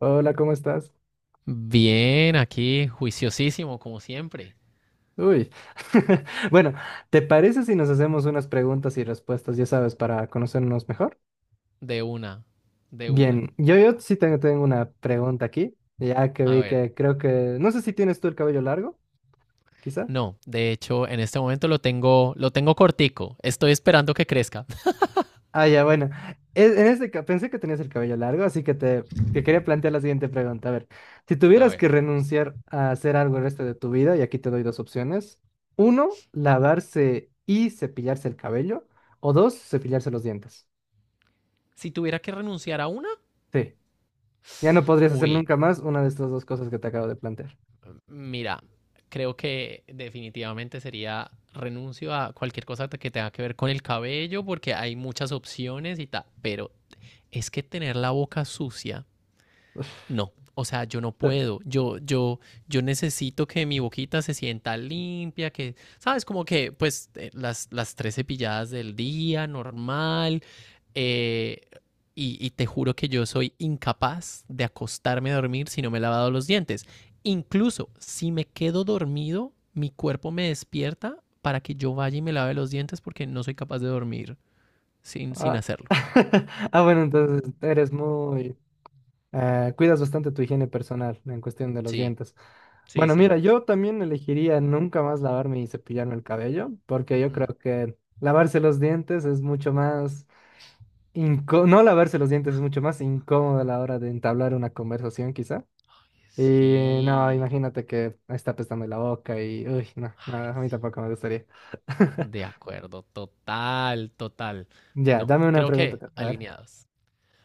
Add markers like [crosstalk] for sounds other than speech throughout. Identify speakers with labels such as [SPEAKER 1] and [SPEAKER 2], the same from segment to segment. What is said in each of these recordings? [SPEAKER 1] Hola, ¿cómo estás?
[SPEAKER 2] Bien, aquí juiciosísimo, como siempre.
[SPEAKER 1] Uy. [laughs] Bueno, ¿te parece si nos hacemos unas preguntas y respuestas, ya sabes, para conocernos mejor?
[SPEAKER 2] De una, de una.
[SPEAKER 1] Bien, yo sí tengo una pregunta aquí, ya que
[SPEAKER 2] A
[SPEAKER 1] vi
[SPEAKER 2] ver,
[SPEAKER 1] que creo que... No sé si tienes tú el cabello largo, quizá.
[SPEAKER 2] no, de hecho, en este momento lo tengo cortico. Estoy esperando que crezca. [laughs]
[SPEAKER 1] Ah, ya, bueno. En este pensé que tenías el cabello largo, así que te quería plantear la siguiente pregunta. A ver, si
[SPEAKER 2] A
[SPEAKER 1] tuvieras
[SPEAKER 2] ver,
[SPEAKER 1] que renunciar a hacer algo el resto de tu vida, y aquí te doy dos opciones. Uno, lavarse y cepillarse el cabello. O dos, cepillarse los dientes.
[SPEAKER 2] si tuviera que renunciar a una,
[SPEAKER 1] Sí. Ya no podrías hacer
[SPEAKER 2] uy,
[SPEAKER 1] nunca más una de estas dos cosas que te acabo de plantear.
[SPEAKER 2] mira, creo que definitivamente sería renuncio a cualquier cosa que tenga que ver con el cabello, porque hay muchas opciones y tal. Pero es que tener la boca sucia no, o sea, yo no puedo,
[SPEAKER 1] [laughs]
[SPEAKER 2] yo necesito que mi boquita se sienta limpia, que, sabes, como que, pues, las tres cepilladas del día, normal, eh, y te juro que yo soy incapaz de acostarme a dormir si no me he lavado los dientes. Incluso si me quedo dormido, mi cuerpo me despierta para que yo vaya y me lave los dientes porque no soy capaz de dormir sin
[SPEAKER 1] Ah,
[SPEAKER 2] hacerlo.
[SPEAKER 1] [laughs] ah, bueno, entonces eres muy... cuidas bastante tu higiene personal en cuestión de los
[SPEAKER 2] Sí,
[SPEAKER 1] dientes.
[SPEAKER 2] sí,
[SPEAKER 1] Bueno,
[SPEAKER 2] sí.
[SPEAKER 1] mira, yo también elegiría nunca más lavarme y cepillarme el cabello, porque yo
[SPEAKER 2] Mm.
[SPEAKER 1] creo que lavarse los dientes es mucho más... no lavarse los dientes es mucho más incómodo a la hora de entablar una conversación, quizá. Y no,
[SPEAKER 2] Sí.
[SPEAKER 1] imagínate que está apestando la boca y... Uy, no, no,
[SPEAKER 2] Ay,
[SPEAKER 1] a mí
[SPEAKER 2] sí.
[SPEAKER 1] tampoco me gustaría. [laughs]
[SPEAKER 2] De acuerdo, total, total.
[SPEAKER 1] Ya,
[SPEAKER 2] No,
[SPEAKER 1] dame una
[SPEAKER 2] creo
[SPEAKER 1] pregunta.
[SPEAKER 2] que
[SPEAKER 1] Tú. A ver.
[SPEAKER 2] alineados.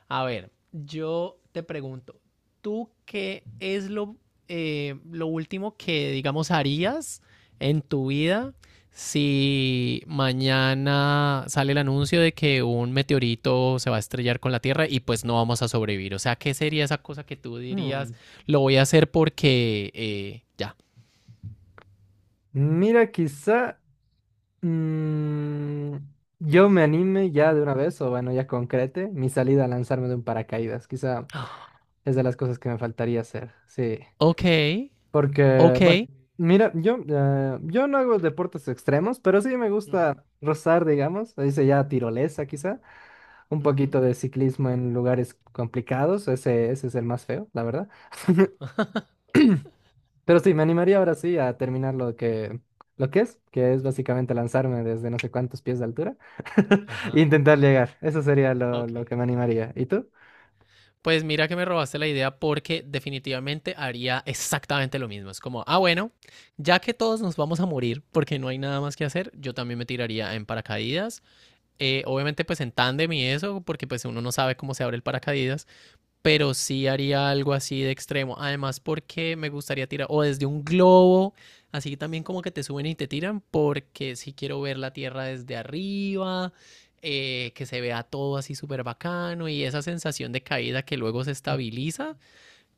[SPEAKER 2] A ver, yo te pregunto, ¿tú qué es lo último que, digamos, harías en tu vida si mañana sale el anuncio de que un meteorito se va a estrellar con la Tierra y pues no vamos a sobrevivir? O sea, ¿qué sería esa cosa que tú dirías,
[SPEAKER 1] Mm,
[SPEAKER 2] lo voy a hacer porque ya?
[SPEAKER 1] Mira, quizá mm, yo me anime ya de una vez, o bueno, ya concrete mi salida a lanzarme de un paracaídas. Quizá
[SPEAKER 2] Ah,
[SPEAKER 1] es de las cosas que me faltaría hacer. Sí.
[SPEAKER 2] ok,
[SPEAKER 1] Porque,
[SPEAKER 2] ok.
[SPEAKER 1] bueno, mira, yo no hago deportes extremos, pero sí me
[SPEAKER 2] Ujú,
[SPEAKER 1] gusta rozar, digamos. Se dice ya tirolesa, quizá. Un
[SPEAKER 2] ujú,
[SPEAKER 1] poquito de ciclismo en lugares complicados. Ese es el más feo, la verdad.
[SPEAKER 2] ajá.
[SPEAKER 1] Pero sí, me animaría ahora sí a terminar lo que es básicamente lanzarme desde no sé cuántos pies de altura [laughs] e
[SPEAKER 2] Ajá,
[SPEAKER 1] intentar llegar. Eso sería
[SPEAKER 2] ok.
[SPEAKER 1] lo que me animaría. ¿Y tú?
[SPEAKER 2] Pues mira que me robaste la idea porque definitivamente haría exactamente lo mismo. Es como, ah, bueno, ya que todos nos vamos a morir porque no hay nada más que hacer, yo también me tiraría en paracaídas. Obviamente pues en tándem y eso, porque pues uno no sabe cómo se abre el paracaídas. Pero sí haría algo así de extremo. Además, porque me gustaría tirar, o desde un globo, así también como que te suben y te tiran, porque sí quiero ver la Tierra desde arriba, que se vea todo así súper bacano y esa sensación de caída que luego se estabiliza,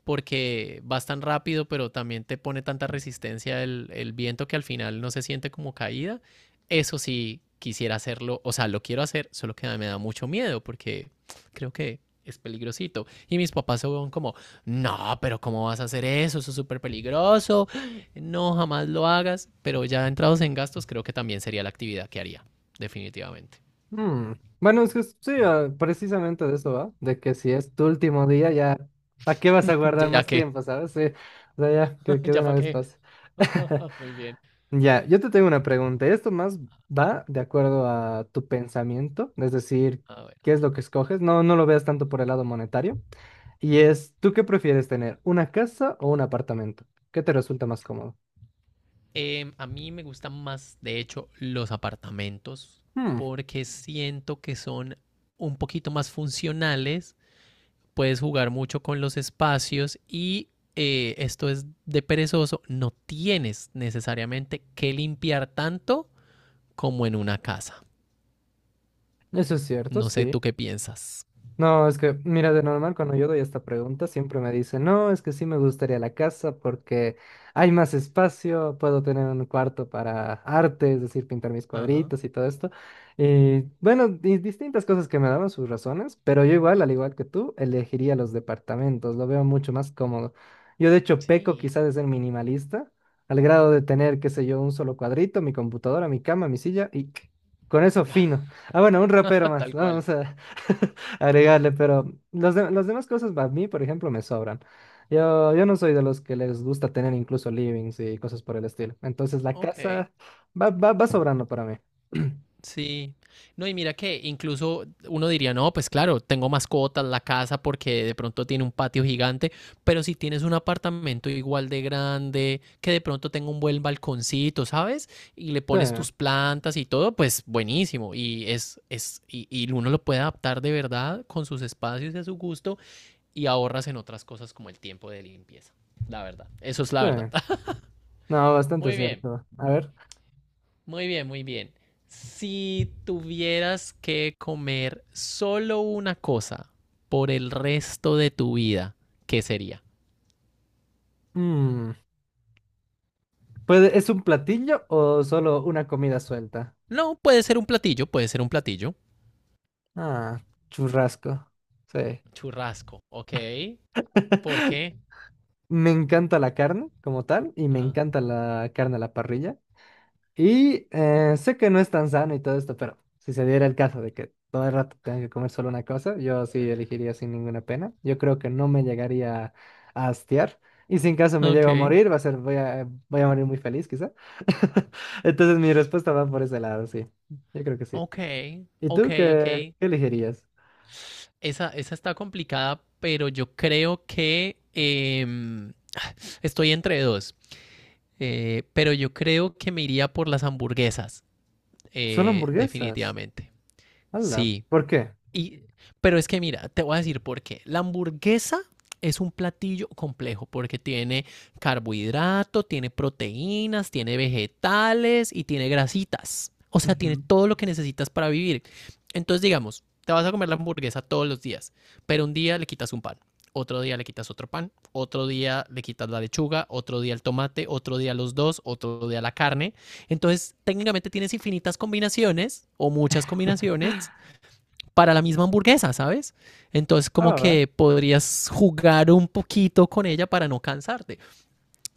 [SPEAKER 2] porque vas tan rápido, pero también te pone tanta resistencia el viento que al final no se siente como caída. Eso sí, quisiera hacerlo, o sea, lo quiero hacer, solo que me da mucho miedo porque creo que es peligrosito. Y mis papás se van como, no, pero ¿cómo vas a hacer eso? Eso es súper peligroso. No, jamás lo hagas. Pero ya entrados en gastos, creo que también sería la actividad que haría, definitivamente.
[SPEAKER 1] Mm, Bueno, es que sí, ah, precisamente de eso va, de que si es tu último día, ya, ¿para qué vas a guardar
[SPEAKER 2] [laughs] Ya
[SPEAKER 1] más
[SPEAKER 2] que,
[SPEAKER 1] tiempo, sabes? Sí, o sea, ya,
[SPEAKER 2] [laughs]
[SPEAKER 1] que de
[SPEAKER 2] ya
[SPEAKER 1] una
[SPEAKER 2] para
[SPEAKER 1] vez
[SPEAKER 2] qué.
[SPEAKER 1] pase. [laughs]
[SPEAKER 2] [laughs] Muy bien.
[SPEAKER 1] Ya, yo te tengo una pregunta. Esto más va de acuerdo a tu pensamiento, es decir,
[SPEAKER 2] A ver.
[SPEAKER 1] ¿qué es lo que escoges? No, no lo veas tanto por el lado monetario. Y es, ¿tú qué prefieres tener? ¿Una casa o un apartamento? ¿Qué te resulta más cómodo?
[SPEAKER 2] A mí me gustan más, de hecho, los apartamentos
[SPEAKER 1] Hmm,
[SPEAKER 2] porque siento que son un poquito más funcionales, puedes jugar mucho con los espacios y esto es de perezoso, no tienes necesariamente que limpiar tanto como en una casa.
[SPEAKER 1] eso es cierto,
[SPEAKER 2] No sé
[SPEAKER 1] sí.
[SPEAKER 2] tú qué piensas.
[SPEAKER 1] No, es que, mira, de normal cuando yo doy esta pregunta siempre me dicen, no, es que sí me gustaría la casa porque hay más espacio, puedo tener un cuarto para arte, es decir, pintar mis
[SPEAKER 2] Ajá.
[SPEAKER 1] cuadritos y todo esto. Y bueno, distintas cosas que me daban sus razones, pero yo igual, al igual que tú, elegiría los departamentos, lo veo mucho más cómodo. Yo de hecho peco
[SPEAKER 2] Sí,
[SPEAKER 1] quizás de ser minimalista, al grado de tener, qué sé yo, un solo cuadrito, mi computadora, mi cama, mi silla y con eso
[SPEAKER 2] [laughs]
[SPEAKER 1] fino. Ah, bueno, un rapero más,
[SPEAKER 2] tal cual.
[SPEAKER 1] vamos a... [laughs] agregarle, pero los las demás cosas a mí, por ejemplo, me sobran. Yo no soy de los que les gusta tener incluso livings y cosas por el estilo. Entonces la
[SPEAKER 2] Ok.
[SPEAKER 1] casa va sobrando para mí.
[SPEAKER 2] Sí, no, y mira que incluso uno diría, no, pues claro, tengo mascotas, la casa, porque de pronto tiene un patio gigante, pero si tienes un apartamento igual de grande, que de pronto tenga un buen balconcito, ¿sabes? Y le
[SPEAKER 1] Sí,
[SPEAKER 2] pones tus plantas y todo, pues buenísimo. Y y uno lo puede adaptar de verdad con sus espacios y a su gusto y ahorras en otras cosas como el tiempo de limpieza. La verdad, eso es la
[SPEAKER 1] sí.
[SPEAKER 2] verdad. [laughs]
[SPEAKER 1] No, bastante
[SPEAKER 2] Muy bien.
[SPEAKER 1] cierto. A ver.
[SPEAKER 2] Muy bien, muy bien. Si tuvieras que comer solo una cosa por el resto de tu vida, ¿qué sería?
[SPEAKER 1] mm, ¿Puede- ¿es un platillo o solo una comida suelta?
[SPEAKER 2] No, puede ser un platillo, puede ser un platillo.
[SPEAKER 1] Ah, churrasco. Sí.
[SPEAKER 2] Churrasco, ok. ¿Por
[SPEAKER 1] [laughs]
[SPEAKER 2] qué?
[SPEAKER 1] Me encanta la carne como tal y me
[SPEAKER 2] Ah,
[SPEAKER 1] encanta la carne a la parrilla. Y sé que no es tan sano y todo esto, pero si se diera el caso de que todo el rato tenga que comer solo una cosa, yo sí elegiría sin ninguna pena. Yo creo que no me llegaría a hastiar. Y si en caso me
[SPEAKER 2] ok,
[SPEAKER 1] llego a morir, va a ser, voy a morir muy feliz, quizá. [laughs] Entonces mi respuesta va por ese lado, sí. Yo creo que sí.
[SPEAKER 2] ok,
[SPEAKER 1] ¿Y tú
[SPEAKER 2] ok, ok.
[SPEAKER 1] qué elegirías?
[SPEAKER 2] Esa está complicada, pero yo creo que estoy entre dos. Pero yo creo que me iría por las hamburguesas,
[SPEAKER 1] Solo hamburguesas.
[SPEAKER 2] definitivamente.
[SPEAKER 1] Hola.
[SPEAKER 2] Sí,
[SPEAKER 1] ¿Por qué?
[SPEAKER 2] y, pero es que mira, te voy a decir por qué. La hamburguesa es un platillo complejo porque tiene carbohidrato, tiene proteínas, tiene vegetales y tiene grasitas. O sea, tiene
[SPEAKER 1] Ujú.
[SPEAKER 2] todo lo que necesitas para vivir. Entonces, digamos, te vas a comer la hamburguesa todos los días, pero un día le quitas un pan, otro día le quitas otro pan, otro día le quitas la lechuga, otro día el tomate, otro día los dos, otro día la carne. Entonces, técnicamente tienes infinitas combinaciones o muchas combinaciones para la misma hamburguesa, ¿sabes? Entonces
[SPEAKER 1] Ah,
[SPEAKER 2] como
[SPEAKER 1] va, va.
[SPEAKER 2] que podrías jugar un poquito con ella para no cansarte.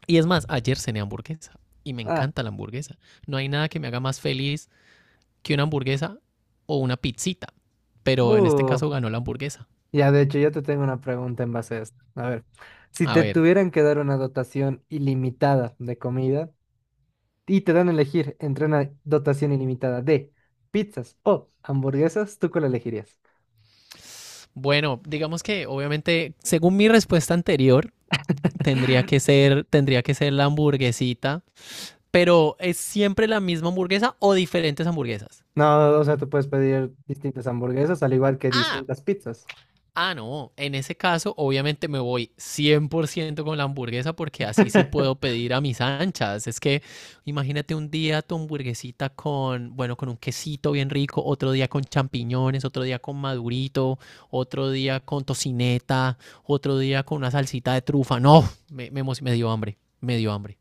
[SPEAKER 2] Y es más, ayer cené hamburguesa y me
[SPEAKER 1] Ah,
[SPEAKER 2] encanta la hamburguesa. No hay nada que me haga más feliz que una hamburguesa o una pizzita, pero en este
[SPEAKER 1] uh,
[SPEAKER 2] caso ganó la hamburguesa.
[SPEAKER 1] ya, de hecho, yo te tengo una pregunta en base a esto. A ver, si
[SPEAKER 2] A
[SPEAKER 1] te
[SPEAKER 2] ver,
[SPEAKER 1] tuvieran que dar una dotación ilimitada de comida y te dan a elegir entre una dotación ilimitada de pizzas o hamburguesas, ¿tú cuál elegirías?
[SPEAKER 2] bueno, digamos que obviamente según mi respuesta anterior
[SPEAKER 1] [laughs]
[SPEAKER 2] tendría que ser la hamburguesita, pero es siempre la misma hamburguesa o diferentes hamburguesas.
[SPEAKER 1] No, o sea, tú puedes pedir distintas hamburguesas al igual que
[SPEAKER 2] Ah,
[SPEAKER 1] distintas pizzas.
[SPEAKER 2] ah, no, en ese caso obviamente me voy 100% con la hamburguesa porque así sí puedo
[SPEAKER 1] [laughs]
[SPEAKER 2] pedir a mis anchas. Es que imagínate un día tu hamburguesita con, bueno, con un quesito bien rico, otro día con champiñones, otro día con madurito, otro día con tocineta, otro día con una salsita de trufa. No, me dio hambre, me dio hambre.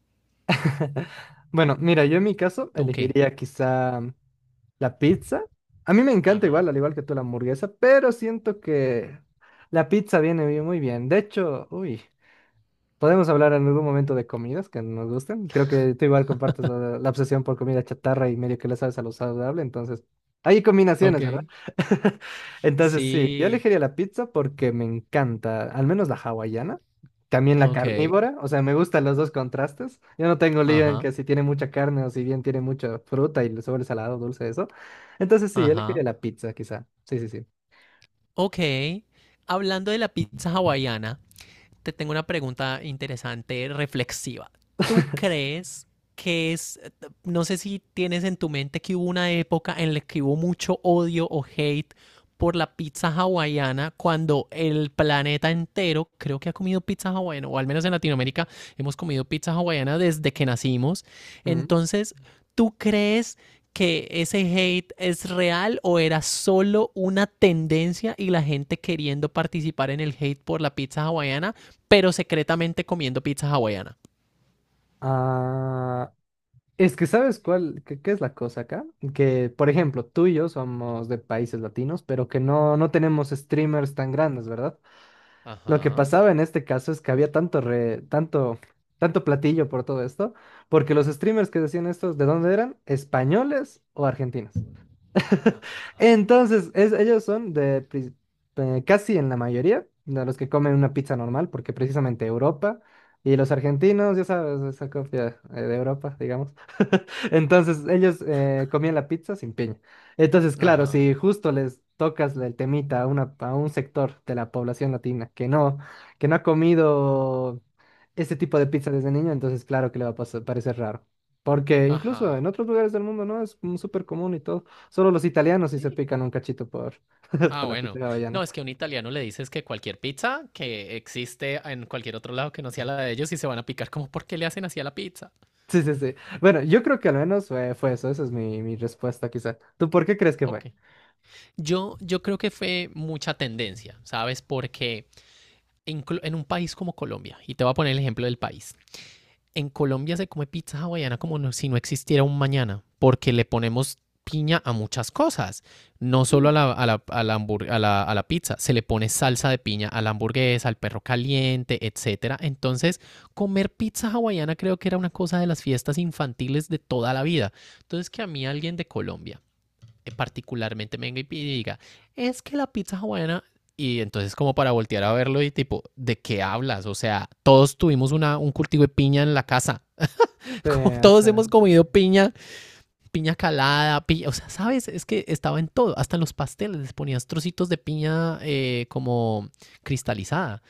[SPEAKER 1] Bueno, mira, yo en mi caso
[SPEAKER 2] ¿Tú qué?
[SPEAKER 1] elegiría quizá la pizza. A mí me encanta igual,
[SPEAKER 2] Ajá.
[SPEAKER 1] al igual que tú la hamburguesa, pero siento que la pizza viene muy bien. De hecho, uy. Podemos hablar en algún momento de comidas que nos gusten. Creo que tú igual compartes la obsesión por comida chatarra y medio que le sabes a lo saludable, entonces hay
[SPEAKER 2] Ok.
[SPEAKER 1] combinaciones, ¿verdad? [laughs] Entonces sí, yo
[SPEAKER 2] Sí,
[SPEAKER 1] elegiría la pizza porque me encanta, al menos la hawaiana, también la
[SPEAKER 2] ok.
[SPEAKER 1] carnívora, o sea, me gustan los dos contrastes. Yo no tengo lío en
[SPEAKER 2] Ajá,
[SPEAKER 1] que si tiene mucha carne o si bien tiene mucha fruta y le sobra salado, dulce, eso. Entonces sí, yo
[SPEAKER 2] ajá.
[SPEAKER 1] elegiría la pizza, quizá. Sí, sí, sí.
[SPEAKER 2] Ok. Hablando de la pizza hawaiana. Te tengo una pregunta interesante, reflexiva. ¿Tú crees que es, no sé si tienes en tu mente que hubo una época en la que hubo mucho odio o hate por la pizza hawaiana cuando el planeta entero creo que ha comido pizza hawaiana, o al menos en Latinoamérica hemos comido pizza hawaiana desde que nacimos.
[SPEAKER 1] Mm.
[SPEAKER 2] Entonces, ¿tú crees que ese hate es real o era solo una tendencia y la gente queriendo participar en el hate por la pizza hawaiana? Pero secretamente comiendo pizza hawaiana.
[SPEAKER 1] Ah, es que sabes cuál, qué es la cosa acá? Que, por ejemplo, tú y yo somos de países latinos, pero que no tenemos streamers tan grandes, ¿verdad? Lo que
[SPEAKER 2] Ajá,
[SPEAKER 1] pasaba en este caso es que había tanto platillo por todo esto, porque los streamers que decían estos, ¿de dónde eran? ¿Españoles o argentinos? [laughs] Entonces, ellos son de casi en la mayoría de los que comen una pizza normal, porque precisamente Europa y los argentinos, ya sabes, esa copia de Europa, digamos. Entonces, ellos comían la pizza sin piña. Entonces, claro,
[SPEAKER 2] ajá,
[SPEAKER 1] si justo les tocas el temita a un sector de la población latina que no ha comido este tipo de pizza desde niño, entonces claro que le va a parecer raro. Porque incluso
[SPEAKER 2] ajá.
[SPEAKER 1] en otros lugares del mundo, ¿no? Es como súper común y todo. Solo los italianos sí se
[SPEAKER 2] Sí.
[SPEAKER 1] pican un cachito por, [laughs]
[SPEAKER 2] Ah,
[SPEAKER 1] por la pizza
[SPEAKER 2] bueno. No,
[SPEAKER 1] hawaiana.
[SPEAKER 2] es que a un italiano le dices que cualquier pizza que existe en cualquier otro lado que no sea la de ellos y se van a picar como, ¿por qué le hacen así a la pizza?
[SPEAKER 1] Sí, sí, sí. Bueno, yo creo que al menos fue eso. Esa es mi respuesta, quizá. ¿Tú por qué crees que
[SPEAKER 2] Ok.
[SPEAKER 1] fue?
[SPEAKER 2] Yo creo que fue mucha tendencia, ¿sabes? Porque inclu- en un país como Colombia, y te voy a poner el ejemplo del país, en Colombia se come pizza hawaiana como no- si no existiera un mañana, porque le ponemos piña a muchas cosas, no solo a la, a la- a la hambur- a la pizza, se le pone salsa de piña a la hamburguesa, al perro caliente, etcétera. Entonces, comer pizza hawaiana creo que era una cosa de las fiestas infantiles de toda la vida. Entonces, que a mí alguien de Colombia particularmente venga y diga, es que la pizza hawaiana y entonces como para voltear a verlo y tipo, ¿de qué hablas? O sea, todos tuvimos un cultivo de piña en la casa.
[SPEAKER 1] Sí,
[SPEAKER 2] [laughs] Como
[SPEAKER 1] es
[SPEAKER 2] todos
[SPEAKER 1] que-
[SPEAKER 2] hemos comido piña, piña calada, piña, o sea, ¿sabes? Es que estaba en todo, hasta en los pasteles les ponías trocitos de piña como cristalizada.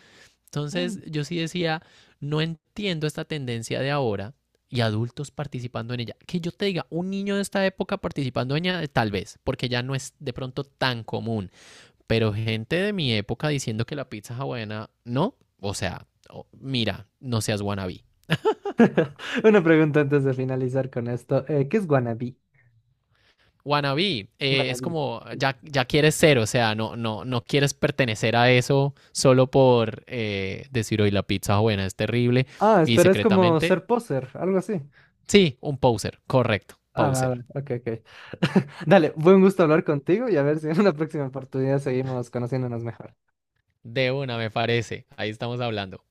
[SPEAKER 2] Entonces yo sí decía, no entiendo esta tendencia de ahora y adultos participando en ella. Que yo te diga, un niño de esta época participando en ella, tal vez, porque ya no es de pronto tan común, pero gente de mi época diciendo que la pizza hawaiana, no, o sea, oh, mira, no seas wannabe.
[SPEAKER 1] Una pregunta antes de finalizar con esto. ¿Qué es wannabe?
[SPEAKER 2] Wannabe es
[SPEAKER 1] Wannabe.
[SPEAKER 2] como ya quieres ser, o sea, no quieres pertenecer a eso solo por decir hoy la pizza buena es terrible
[SPEAKER 1] Ah,
[SPEAKER 2] y
[SPEAKER 1] espera, es como
[SPEAKER 2] secretamente
[SPEAKER 1] ser poser, algo así.
[SPEAKER 2] sí, un poser, correcto,
[SPEAKER 1] Ah, va, va,
[SPEAKER 2] poser.
[SPEAKER 1] ok, ok. [laughs] Dale, buen gusto hablar contigo y a ver si en una próxima oportunidad seguimos conociéndonos mejor.
[SPEAKER 2] De una, me parece. Ahí estamos hablando.